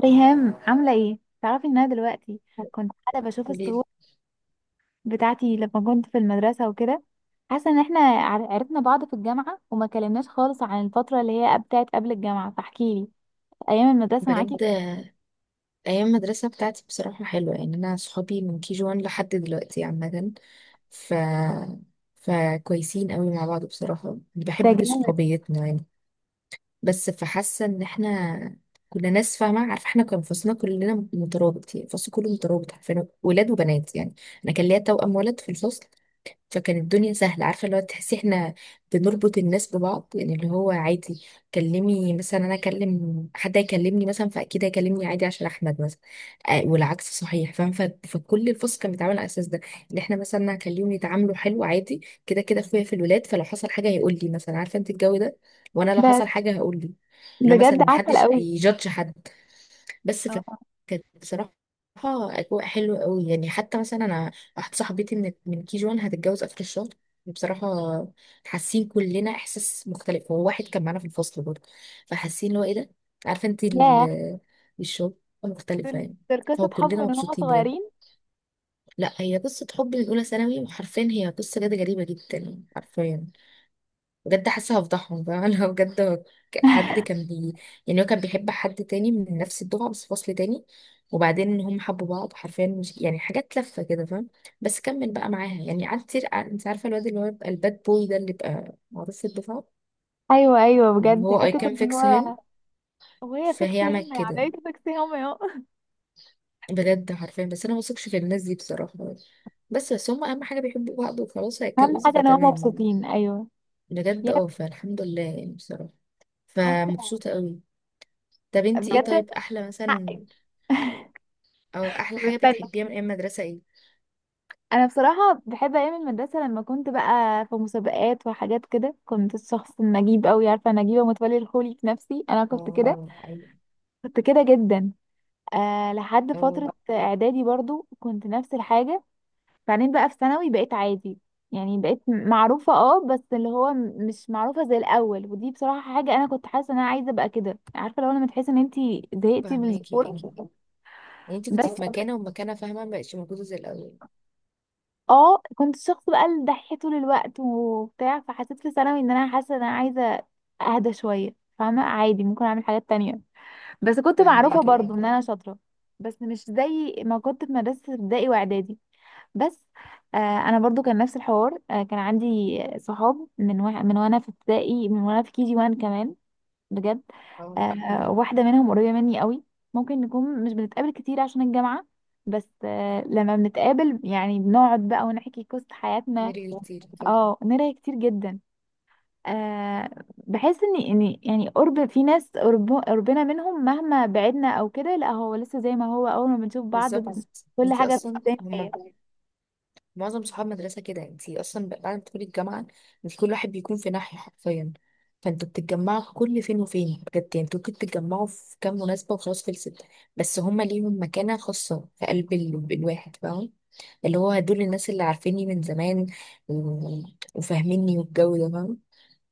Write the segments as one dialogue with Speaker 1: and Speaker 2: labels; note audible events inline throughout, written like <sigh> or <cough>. Speaker 1: ريهام عاملة ايه؟ تعرفي ان انا دلوقتي كنت قاعدة بشوف الصور
Speaker 2: قوليلي.
Speaker 1: بتاعتي لما كنت في المدرسة وكده. حاسة ان احنا عرفنا بعض في الجامعة وما كلمناش خالص عن الفترة اللي هي بتاعت قبل الجامعة، فاحكيلي ايام المدرسة معاكي.
Speaker 2: بجد ايام المدرسه بتاعتي بصراحه حلوه، يعني انا صحابي من كي جي 1 لحد دلوقتي عامه. ف فكويسين قوي مع بعض، بصراحه
Speaker 1: ده
Speaker 2: بحب
Speaker 1: جامد.
Speaker 2: صحوبيتنا يعني. بس فحاسه ان احنا كنا ناس فاهمه عارفه، احنا كان فصلنا كلنا مترابط، يعني الفصل كله مترابط، عارفين ولاد وبنات يعني. انا كان ليا توأم ولد في الفصل، فكانت الدنيا سهلة، عارفة اللي هو تحسي احنا بنربط الناس ببعض، يعني اللي هو عادي. كلمي مثلا انا اكلم حد يكلمني مثلا فاكيد هيكلمني عادي عشان احمد مثلا. آه والعكس صحيح فاهم. ف- فكل الفصل كان بيتعامل على الاساس ده، ان احنا مثلا هنخليهم يتعاملوا حلو عادي. كده كده اخويا في الولاد، فلو حصل حاجة هيقول لي مثلا، عارفة انت الجو ده، وانا لو
Speaker 1: ده
Speaker 2: حصل حاجة هقول لي، اللي هو مثلا
Speaker 1: بجد عسل
Speaker 2: محدش
Speaker 1: قوي.
Speaker 2: هيجادج حد. بس ف-
Speaker 1: اه.
Speaker 2: كانت بصراحة أجواء حلوة قوي يعني. حتى مثلا أنا واحدة صاحبتي من كي جوان هتتجوز آخر الشهر. بصراحة حاسين كلنا إحساس مختلف، هو واحد كان معانا في الفصل برضه، فحاسين اللي هو إيه ده. عارفة أنت
Speaker 1: ياه.
Speaker 2: الشغل مختلفة
Speaker 1: دول
Speaker 2: يعني.
Speaker 1: دول
Speaker 2: فهو
Speaker 1: قصة حب
Speaker 2: كلنا
Speaker 1: من هما
Speaker 2: مبسوطين بجد.
Speaker 1: صغيرين.
Speaker 2: لا هي قصة حب من أولى ثانوي، وحرفيا هي قصة جد غريبة جدا حرفيا. بجد حاسه هفضحهم بقى انا بجد. هو ك- حد كان بي يعني هو كان بيحب حد تاني من نفس الدفعه بس فصل تاني، وبعدين ان هم حبوا بعض حرفيا، مش يعني حاجات لفه كده فاهم. بس كمل بقى معاها يعني، قعدت كتير. انت عارفه الواد اللي هو يبقى الباد بوي ده، اللي يبقى معروف في الدفعه،
Speaker 1: ايوه، ايوه،
Speaker 2: واللي
Speaker 1: بجد
Speaker 2: هو اي
Speaker 1: حتة
Speaker 2: كان
Speaker 1: ان
Speaker 2: فيكس
Speaker 1: هو
Speaker 2: هيم.
Speaker 1: وهي
Speaker 2: فهي
Speaker 1: فيكس هم.
Speaker 2: عملت
Speaker 1: يعني
Speaker 2: كده
Speaker 1: ايه فيكس هم اهو؟
Speaker 2: بجد حرفيا. بس انا ما بثقش في الناس دي بصراحه. بس هم اهم حاجه بيحبوا بعض وخلاص
Speaker 1: <laughs> اهم
Speaker 2: هيتجوزوا
Speaker 1: حاجة ان هما
Speaker 2: فتمام.
Speaker 1: مبسوطين، ايوه.
Speaker 2: بجد،
Speaker 1: ياه.
Speaker 2: اه، فالحمد لله يعني بصراحه.
Speaker 1: حاسة.
Speaker 2: فمبسوطه قوي. طب انتي ايه
Speaker 1: بجد.
Speaker 2: طيب؟ احلى مثلا
Speaker 1: <laughs>
Speaker 2: او احلى حاجه
Speaker 1: مستني.
Speaker 2: بتحبيها من ايام المدرسه ايه؟
Speaker 1: انا بصراحه بحب ايام المدرسه، لما كنت بقى في مسابقات وحاجات كده كنت الشخص النجيب قوي، عارفه نجيبه متولي الخولي؟ في نفسي انا كنت كده.
Speaker 2: اه، ايوه،
Speaker 1: كنت كده جدا. آه، لحد
Speaker 2: اه
Speaker 1: فتره اعدادي برضو كنت نفس الحاجه. بعدين بقى في ثانوي بقيت عادي. يعني بقيت معروفه، اه، بس اللي هو مش معروفه زي الاول. ودي بصراحه حاجه انا كنت حاسه ان انا عايزه ابقى كده، عارفه؟ لو لما تحسي ان انتي زهقتي من الذكور.
Speaker 2: فهماكي اه. يعني انت كنت
Speaker 1: بس
Speaker 2: في مكانه ومكانه فاهمه، ما بقتش موجوده زي الاول.
Speaker 1: اه، كنت الشخص بقى الدحيح طول الوقت وبتاع، فحسيت في ثانوي ان انا حاسه ان انا عايزه اهدى شويه، فاهمه؟ عادي، ممكن اعمل حاجات تانية. بس كنت معروفه
Speaker 2: فهماكي
Speaker 1: برضو
Speaker 2: اه.
Speaker 1: ان انا شاطره، بس مش زي ما كنت في مدرسه ابتدائي واعدادي. بس آه، انا برضو كان نفس الحوار. آه، كان عندي صحاب من وانا في ابتدائي، من وانا في كي جي 1 كمان. بجد.
Speaker 2: اه
Speaker 1: آه، واحدة منهم قريبة مني قوي. ممكن نكون مش بنتقابل كتير عشان الجامعة، بس آه، لما بنتقابل يعني بنقعد بقى ونحكي قصة حياتنا.
Speaker 2: نرجع كتير.
Speaker 1: اه، نرى كتير جدا. آه. بحس ان يعني قرب في ناس، قربنا منهم مهما بعدنا او كده، لا هو لسه زي ما هو اول ما بنشوف بعض
Speaker 2: بالظبط.
Speaker 1: كل
Speaker 2: انت
Speaker 1: حاجة
Speaker 2: اصلا
Speaker 1: بتبان.
Speaker 2: هم معظم صحاب مدرسه كده انت اصلا بعد ما تدخلي الجامعه، انت كل واحد بيكون في ناحيه حرفيا، فانتوا بتتجمعوا كل فين وفين بجد يعني، انتوا ممكن تتجمعوا في كام مناسبه وخلاص خلصت. بس هم ليهم مكانه خاصه في قلب الواحد فاهمه. اللي هو دول الناس اللي عارفيني من زمان و- وفاهميني والجو ده فاهم.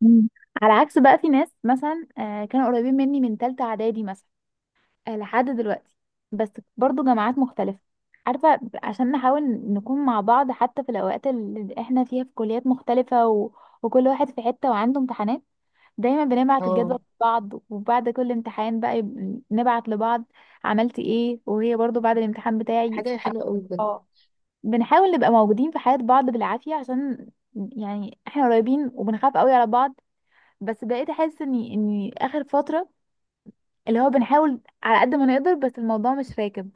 Speaker 1: مم. على عكس بقى في ناس مثلا، آه، كانوا قريبين مني من تالتة اعدادي مثلا، آه، لحد دلوقتي، بس برضو جامعات مختلفة، عارفة؟ عشان نحاول نكون مع بعض حتى في الأوقات اللي احنا فيها في كليات مختلفة، و... وكل واحد في حتة وعنده امتحانات، دايما بنبعت
Speaker 2: اه
Speaker 1: الجدول لبعض وبعد كل امتحان بقى نبعت لبعض عملت ايه، وهي برضو بعد الامتحان بتاعي.
Speaker 2: حاجة
Speaker 1: سبحان.
Speaker 2: حلوة قوي بجد.
Speaker 1: اه، بنحاول نبقى موجودين في حياة بعض بالعافية عشان، يعني احنا قريبين وبنخاف قوي على بعض. بس بقيت احس اني اخر فترة اللي هو بنحاول على قد ما نقدر، بس الموضوع مش راكب،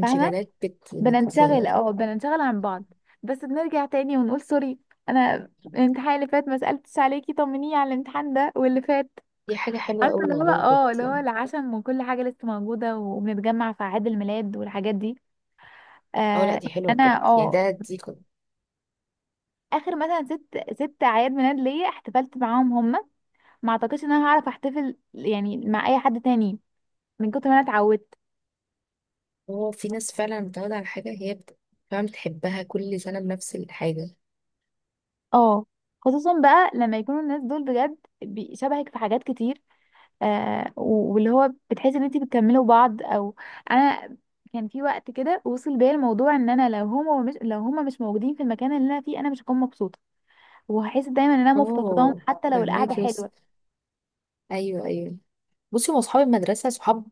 Speaker 1: فاهمة؟
Speaker 2: بت بت
Speaker 1: بننشغل، اه، بننشغل عن بعض، بس بنرجع تاني ونقول سوري، انا الامتحان اللي فات ما سألتش عليكي، طمنيني على الامتحان ده واللي فات،
Speaker 2: دي حاجة حلوة
Speaker 1: عارفة؟
Speaker 2: قوي
Speaker 1: اللي هو
Speaker 2: والله
Speaker 1: اه،
Speaker 2: بجد.
Speaker 1: اللي هو العشم وكل حاجة لسه موجودة، وبنتجمع في أعياد الميلاد والحاجات دي.
Speaker 2: اه لا
Speaker 1: آه.
Speaker 2: دي حلوة بجد
Speaker 1: انا
Speaker 2: يعني،
Speaker 1: اه،
Speaker 2: دي كده.
Speaker 1: اخر مثلا ست اعياد ميلاد ليا احتفلت معاهم هما، ما اعتقدش ان انا هعرف احتفل يعني مع اي حد تاني من كتر ما انا اتعودت.
Speaker 2: هو في ناس فعلا متعودة على حاجة، فعلا بتحبها كل سنة بنفس الحاجة.
Speaker 1: اه. خصوصا بقى لما يكونوا الناس دول بجد شبهك في حاجات كتير. آه، واللي هو بتحس ان انت بتكملوا بعض او. انا كان في وقت كده وصل بيا الموضوع ان انا لو هما مش موجودين في المكان اللي انا فيه، انا مش هكون مبسوطه وهحس دايما ان انا مفتقداهم
Speaker 2: اه
Speaker 1: حتى لو القعده
Speaker 2: فهماك يس.
Speaker 1: حلوه.
Speaker 2: ايوه ايوه. بصي هو اصحاب المدرسة صحاب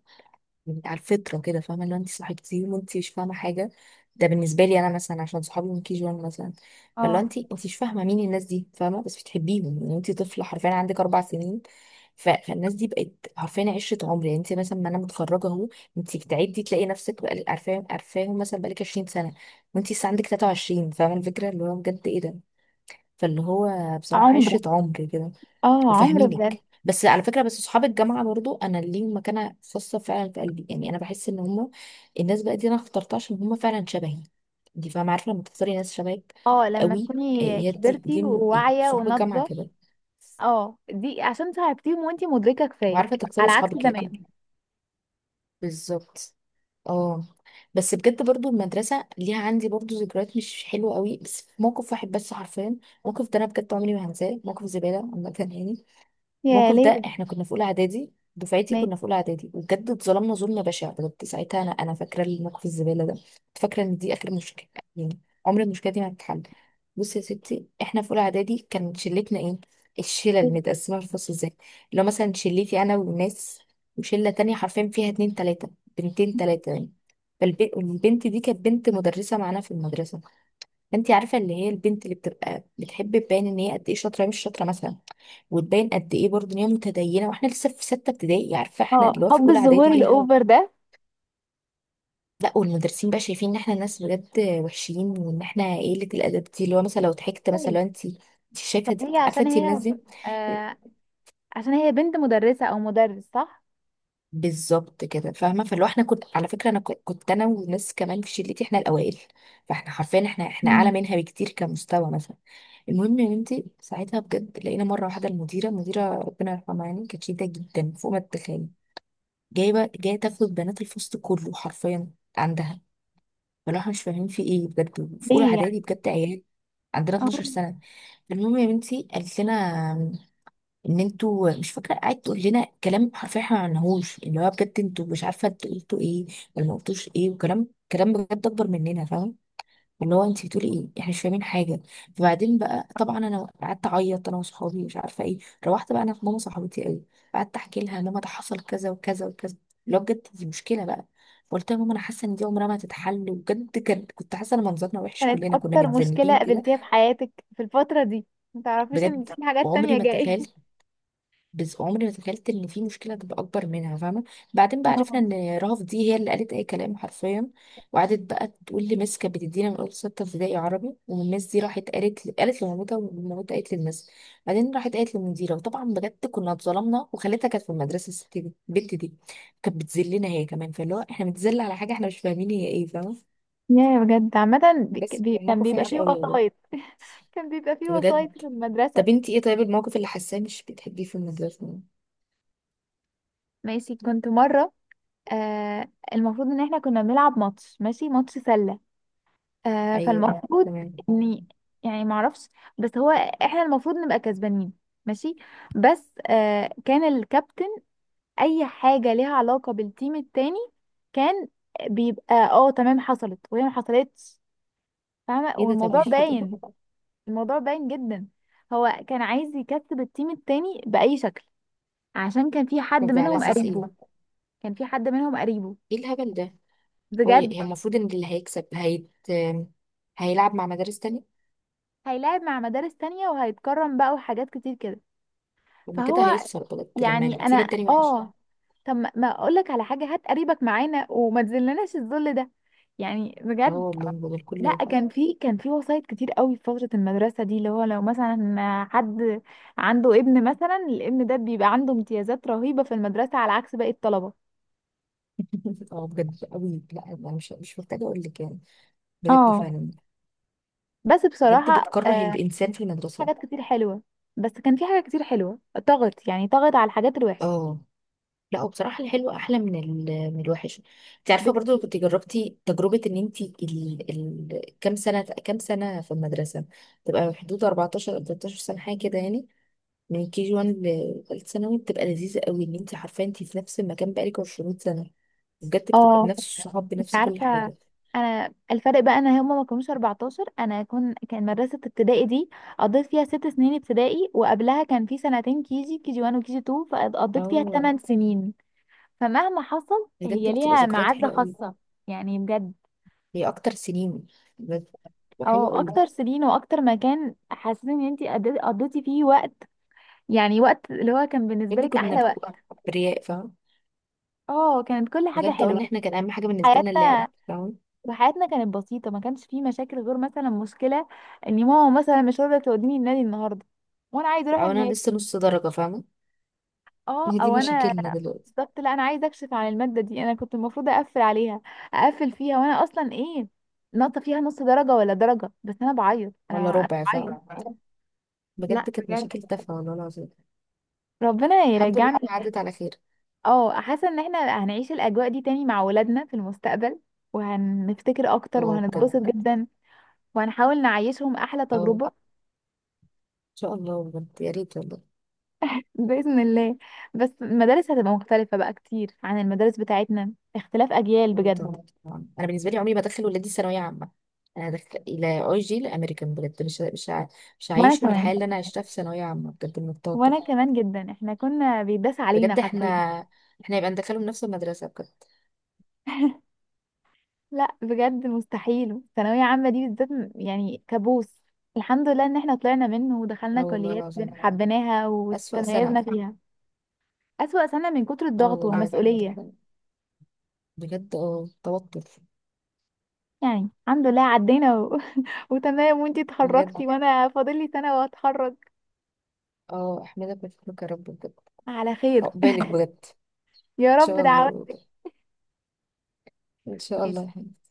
Speaker 2: يعني على الفطره كده فاهمه، لو انت صحيتي وانت مش فاهمه حاجه. ده بالنسبه لي انا مثلا عشان صحابي من كي جي 1 مثلا. فلو
Speaker 1: اه،
Speaker 2: انت مش فاهمه مين الناس دي، فاهمه، بس بتحبيهم يعني. انت طفله حرفيا عندك اربع سنين. فالناس دي بقت حرفيا عشره عمر. يعني انت مثلا، ما انا متخرجه اهو، انت بتعدي تلاقي نفسك بقالك عارفاهم عارفاهم مثلا بقالك 20 سنه، وانت لسه عندك 23 فاهمه الفكره، اللي هو بجد ايه ده. فاللي هو بصراحه
Speaker 1: عمر.
Speaker 2: عشره عمر كده،
Speaker 1: اه، عمر بجد.
Speaker 2: وفاهمينك. بس على فكره، بس اصحاب الجامعه برضو انا ليهم مكانه خاصه فعلا في قلبي. يعني انا بحس ان هم الناس بقى دي انا اخترتها عشان هم فعلا شبهي، دي فاهمه، عارفه لما تختاري ناس شبهك
Speaker 1: اه، لما
Speaker 2: قوي. آه،
Speaker 1: تكوني
Speaker 2: هي دي دي
Speaker 1: كبرتي
Speaker 2: من ايه،
Speaker 1: وواعيه
Speaker 2: صحاب الجامعه
Speaker 1: وناضجه.
Speaker 2: كده.
Speaker 1: اه، دي عشان صاحبتيهم وانتي مدركه كفايه،
Speaker 2: وعارفه تختاري
Speaker 1: على عكس
Speaker 2: صحابك اللي كده.
Speaker 1: زمان.
Speaker 2: بالظبط. اه. بس بجد برضو المدرسه ليها عندي برضو ذكريات مش حلوه قوي، بس في موقف واحد بس حرفيا. الموقف ده انا بجد عمري ما هنساه، موقف زباله عامه يعني.
Speaker 1: يا
Speaker 2: الموقف ده
Speaker 1: ليه.
Speaker 2: احنا كنا في اولى اعدادي، دفعتي
Speaker 1: ماشي.
Speaker 2: كنا في اولى اعدادي، وبجد اتظلمنا ظلم بشع بجد ساعتها. انا فاكره الموقف الزباله ده، كنت فاكره ان دي اخر مشكله يعني، عمر المشكله دي ما هتتحل. بصي يا ستي احنا في اولى اعدادي كان شلتنا ايه، الشله المتقسمه في الفصل ازاي، لو مثلا شلتي انا والناس، وشله تانية حرفيا فيها اتنين تلاته، بنتين تلاته يعني. فالبنت دي كانت بنت مدرسه معانا في المدرسه. فانت عارفه اللي هي البنت اللي بتبقى بتحب تبان ان هي قد ايه شاطره مش شاطره مثلا، وتبين قد ايه برضه ان هي متدينه، واحنا لسه في سته ابتدائي عارفه، احنا
Speaker 1: اه،
Speaker 2: اللي هو في
Speaker 1: حب
Speaker 2: اولى اعدادي،
Speaker 1: الظهور
Speaker 2: ايه الهبل.
Speaker 1: الاوفر ده.
Speaker 2: لا والمدرسين بقى شايفين ان احنا ناس بجد وحشين، وان احنا قله الادب دي، اللي هو مثلا لو ضحكت مثلا،
Speaker 1: طبيعي،
Speaker 2: لو انت شايفه دي،
Speaker 1: طبيعي
Speaker 2: عارفه
Speaker 1: عشان
Speaker 2: انت الناس
Speaker 1: هي.
Speaker 2: دي.
Speaker 1: آه، عشان هي بنت مدرسة او مدرس، صح.
Speaker 2: بالظبط كده فاهمه. فاللي هو احنا، كنت على فكره انا، كنت انا وناس كمان في شلتي احنا الاوائل. فاحنا حرفيا احنا اعلى
Speaker 1: مم.
Speaker 2: منها بكتير كمستوى مثلا. المهم يا بنتي ساعتها بجد لقينا مره واحده المديره، مديره ربنا يرحمها يعني، كانت شديده جدا فوق ما تتخيلي، جايه تاخد بنات الفصل كله حرفيا عندها. فلو احنا مش فاهمين في ايه بجد، في اولى
Speaker 1: ليه يعني.
Speaker 2: اعدادي بجد عيال، عندنا 12
Speaker 1: اه،
Speaker 2: سنه. المهم يا بنتي قالت لنا ان انتوا مش فاكره، قعدت تقول لنا كلام حرفيا احنا ما عملناهوش، اللي هو بجد انتوا مش عارفه انتوا قلتوا ايه ولا ما قلتوش ايه، وكلام كلام بجد اكبر مننا فاهم. اللي هو انت بتقولي ايه، احنا مش فاهمين حاجه. فبعدين بقى طبعا انا قعدت اعيط انا وصحابي مش عارفه ايه. روحت بقى انا في ماما صاحبتي قوي، قعدت احكي لها ماما ده حصل كذا وكذا وكذا، اللي هو بجد دي مشكله بقى. قلت لها ماما انا حاسه ان دي عمرها ما تتحل، وبجد كنت حاسه ان منظرنا وحش
Speaker 1: كانت
Speaker 2: كلنا، كنا
Speaker 1: اكتر مشكلة
Speaker 2: متذنبين كده.
Speaker 1: قابلتيها في حياتك في الفترة دي، ما تعرفيش ان
Speaker 2: بجد
Speaker 1: في حاجات
Speaker 2: وعمري
Speaker 1: تانية
Speaker 2: ما
Speaker 1: جاية.
Speaker 2: تخيلت، بس عمري ما تخيلت ان في مشكله تبقى اكبر منها فاهمه. بعدين بقى عرفنا
Speaker 1: اه.
Speaker 2: ان رهف دي هي اللي قالت اي كلام حرفيا، وقعدت بقى تقول لميس، كانت بتدينا من اول سته ابتدائي عربي. وميس دي راحت قالت، لمامتها، ومامتها قالت للمس، بعدين راحت قالت للمديره. وطبعا بجد كنا اتظلمنا، وخالتها كانت في المدرسه، الست دي البنت دي كانت بتذلنا هي كمان. فاللي هو احنا بنتذل على حاجه احنا مش فاهمين هي ايه فاهمه.
Speaker 1: يا، بجد عامة
Speaker 2: بس كان
Speaker 1: كان
Speaker 2: موقف
Speaker 1: بيبقى
Speaker 2: وحش
Speaker 1: فيه
Speaker 2: قوي والله
Speaker 1: وسايط. <laughs> كان بيبقى فيه وسايط
Speaker 2: بجد.
Speaker 1: في المدرسة.
Speaker 2: طب انتي ايه طيب، الموقف اللي حاساه مش بتحبيه في المدرسه؟
Speaker 1: ماشي، كنت مرة، آه، المفروض ان احنا كنا بنلعب ماتش، ماشي، ماتش سلة. آه،
Speaker 2: ايوه
Speaker 1: فالمفروض
Speaker 2: تمام.
Speaker 1: اني، يعني معرفش، بس هو احنا المفروض نبقى كسبانين، ماشي، بس آه كان الكابتن اي حاجه ليها علاقه بالتيم التاني كان بيبقى، اه، تمام حصلت وهي ما حصلتش، فاهمه؟
Speaker 2: ايه ده
Speaker 1: والموضوع
Speaker 2: طبيعي كده.
Speaker 1: باين، الموضوع باين جدا. هو كان عايز يكسب التيم التاني باي شكل عشان كان في
Speaker 2: <laughs> طب
Speaker 1: حد
Speaker 2: ده على
Speaker 1: منهم
Speaker 2: اساس
Speaker 1: قريبه.
Speaker 2: ايه؟
Speaker 1: كان في حد منهم قريبه،
Speaker 2: ايه الهبل ده.
Speaker 1: بجد.
Speaker 2: هي المفروض ان اللي هيكسب هيلعب مع مدارس تانية.
Speaker 1: هيلاعب مع مدارس تانية وهيتكرم بقى وحاجات كتير كده.
Speaker 2: لما كده
Speaker 1: فهو،
Speaker 2: هيخسر بجد لما
Speaker 1: يعني
Speaker 2: تسيب
Speaker 1: انا
Speaker 2: التاني وحش.
Speaker 1: اه، طب ما اقول لك على حاجه، هات قريبك معانا وما تذلناش الذل ده يعني،
Speaker 2: اه
Speaker 1: بجد.
Speaker 2: والله بدل كل
Speaker 1: لا
Speaker 2: ده.
Speaker 1: كان في وسايط كتير قوي في فترة المدرسة دي، اللي هو لو مثلا حد عنده ابن مثلا، الابن ده بيبقى عنده امتيازات رهيبة في المدرسة على عكس باقي الطلبة.
Speaker 2: <laughs> اه بجد قوي. لا انا مش محتاجه اقول لك يعني. بجد
Speaker 1: اه.
Speaker 2: فعلا.
Speaker 1: بس
Speaker 2: بجد
Speaker 1: بصراحة،
Speaker 2: بتكره
Speaker 1: آه،
Speaker 2: الانسان في المدرسه.
Speaker 1: حاجات كتير حلوة. بس كان في حاجات كتير حلوة طغت، يعني طغت على الحاجات الوحشة.
Speaker 2: اه لا وبصراحه الحلو احلى من من الوحش. انت عارفه
Speaker 1: بك-
Speaker 2: برضو لو كنت جربتي تجربه ان انت كام سنه في المدرسه، تبقى حدود 14 أو 13 سنه حاجه كده يعني. من كي جي 1 لثالث ثانوي بتبقى لذيذة قوي، ان انت عارفة انت في نفس المكان بقالك 20 سنة، بجد بتبقى
Speaker 1: اه،
Speaker 2: بنفس الصحاب بنفس كل
Speaker 1: عارفة،
Speaker 2: حاجة.
Speaker 1: انا الفرق بقى انا هما ما كانوش 14، انا كان مدرسة ابتدائي دي قضيت فيها ست سنين ابتدائي، وقبلها كان في سنتين كيجي 1 وكيجي 2، فقضيت فيها
Speaker 2: اه
Speaker 1: 8 سنين، فمهما حصل
Speaker 2: بجد
Speaker 1: هي
Speaker 2: بتبقى
Speaker 1: ليها
Speaker 2: ذكريات
Speaker 1: معزة
Speaker 2: حلوة قوي.
Speaker 1: خاصة يعني، بجد.
Speaker 2: هي اكتر سنين بجد بتبقى
Speaker 1: او
Speaker 2: حلوة قوي.
Speaker 1: اكتر سنين واكتر مكان حاسين ان انتي قضيتي فيه وقت، يعني وقت اللي هو كان بالنسبة
Speaker 2: بجد
Speaker 1: لك
Speaker 2: كنا
Speaker 1: احلى وقت.
Speaker 2: بنبقى برياء فاهم.
Speaker 1: اه، كانت كل حاجة
Speaker 2: بجد اقول ان
Speaker 1: حلوة.
Speaker 2: احنا كان اهم حاجة بالنسبة لنا اللعب
Speaker 1: حياتنا،
Speaker 2: فاهم.
Speaker 1: وحياتنا كانت بسيطة، ما كانش فيه مشاكل غير مثلا مشكلة ان ماما مثلا مش راضية توديني النادي النهاردة وانا عايزة اروح.
Speaker 2: او انا لسه نص درجة فاهمة.
Speaker 1: اه،
Speaker 2: هي دي
Speaker 1: او انا،
Speaker 2: مشاكلنا دلوقتي.
Speaker 1: بالظبط، لا انا عايزه اكشف عن الماده دي، انا كنت المفروض اقفل عليها، اقفل فيها، وانا اصلا ايه، ناقصه فيها نص درجه ولا درجه، بس انا بعيط
Speaker 2: ولا
Speaker 1: انا أنا
Speaker 2: ربع فاهم.
Speaker 1: بعيط. لا
Speaker 2: بجد كانت
Speaker 1: بجد.
Speaker 2: مشاكل تافهة والله العظيم.
Speaker 1: ربنا
Speaker 2: الحمد لله
Speaker 1: يرجعنا.
Speaker 2: عدت على خير.
Speaker 1: اه، حاسه ان احنا هنعيش الاجواء دي تاني مع ولادنا في المستقبل، وهنفتكر اكتر
Speaker 2: اه بجد.
Speaker 1: وهنتبسط جدا، وهنحاول نعيشهم احلى
Speaker 2: اه ان
Speaker 1: تجربه.
Speaker 2: شاء الله بجد يا ريت والله.
Speaker 1: باذن الله. بس المدارس هتبقى مختلفه بقى كتير عن المدارس بتاعتنا، اختلاف اجيال
Speaker 2: اه طبعا.
Speaker 1: بجد.
Speaker 2: انا بالنسبه لي عمري ما ادخل ولادي ثانويه عامه. انا ادخل الى اي جي الامريكان بجد. مش
Speaker 1: وانا
Speaker 2: هعيشهم
Speaker 1: كمان،
Speaker 2: الحياه اللي انا عشتها في ثانويه عامه بجد من
Speaker 1: وانا
Speaker 2: التوتر.
Speaker 1: كمان جدا، احنا كنا بيداس علينا
Speaker 2: بجد احنا،
Speaker 1: حرفيا.
Speaker 2: احنا يبقى ندخلهم نفس المدرسه بجد.
Speaker 1: لا بجد مستحيل، ثانويه عامه دي بالذات م-، يعني كابوس. الحمد لله ان احنا طلعنا منه ودخلنا
Speaker 2: اه والله
Speaker 1: كليات <laughs>
Speaker 2: العظيم
Speaker 1: حبيناها
Speaker 2: اسوأ سنه.
Speaker 1: وتميزنا فيها. اسوأ سنه من كتر
Speaker 2: اه
Speaker 1: الضغط
Speaker 2: والله الحمد
Speaker 1: والمسؤوليه.
Speaker 2: لله.
Speaker 1: <laughs>
Speaker 2: بجد اه توتر.
Speaker 1: يعني الحمد لله عدينا. و... <laughs> وتمام، وانتي
Speaker 2: بجد
Speaker 1: اتخرجتي <laughs> وانا فاضل لي سنه واتخرج
Speaker 2: اه احمدك واشكرك يا رب بجد.
Speaker 1: على خير.
Speaker 2: عقبالك بجد.
Speaker 1: يا
Speaker 2: ان
Speaker 1: رب
Speaker 2: شاء
Speaker 1: دعوة.
Speaker 2: الله، ان شاء الله يا حبيبي.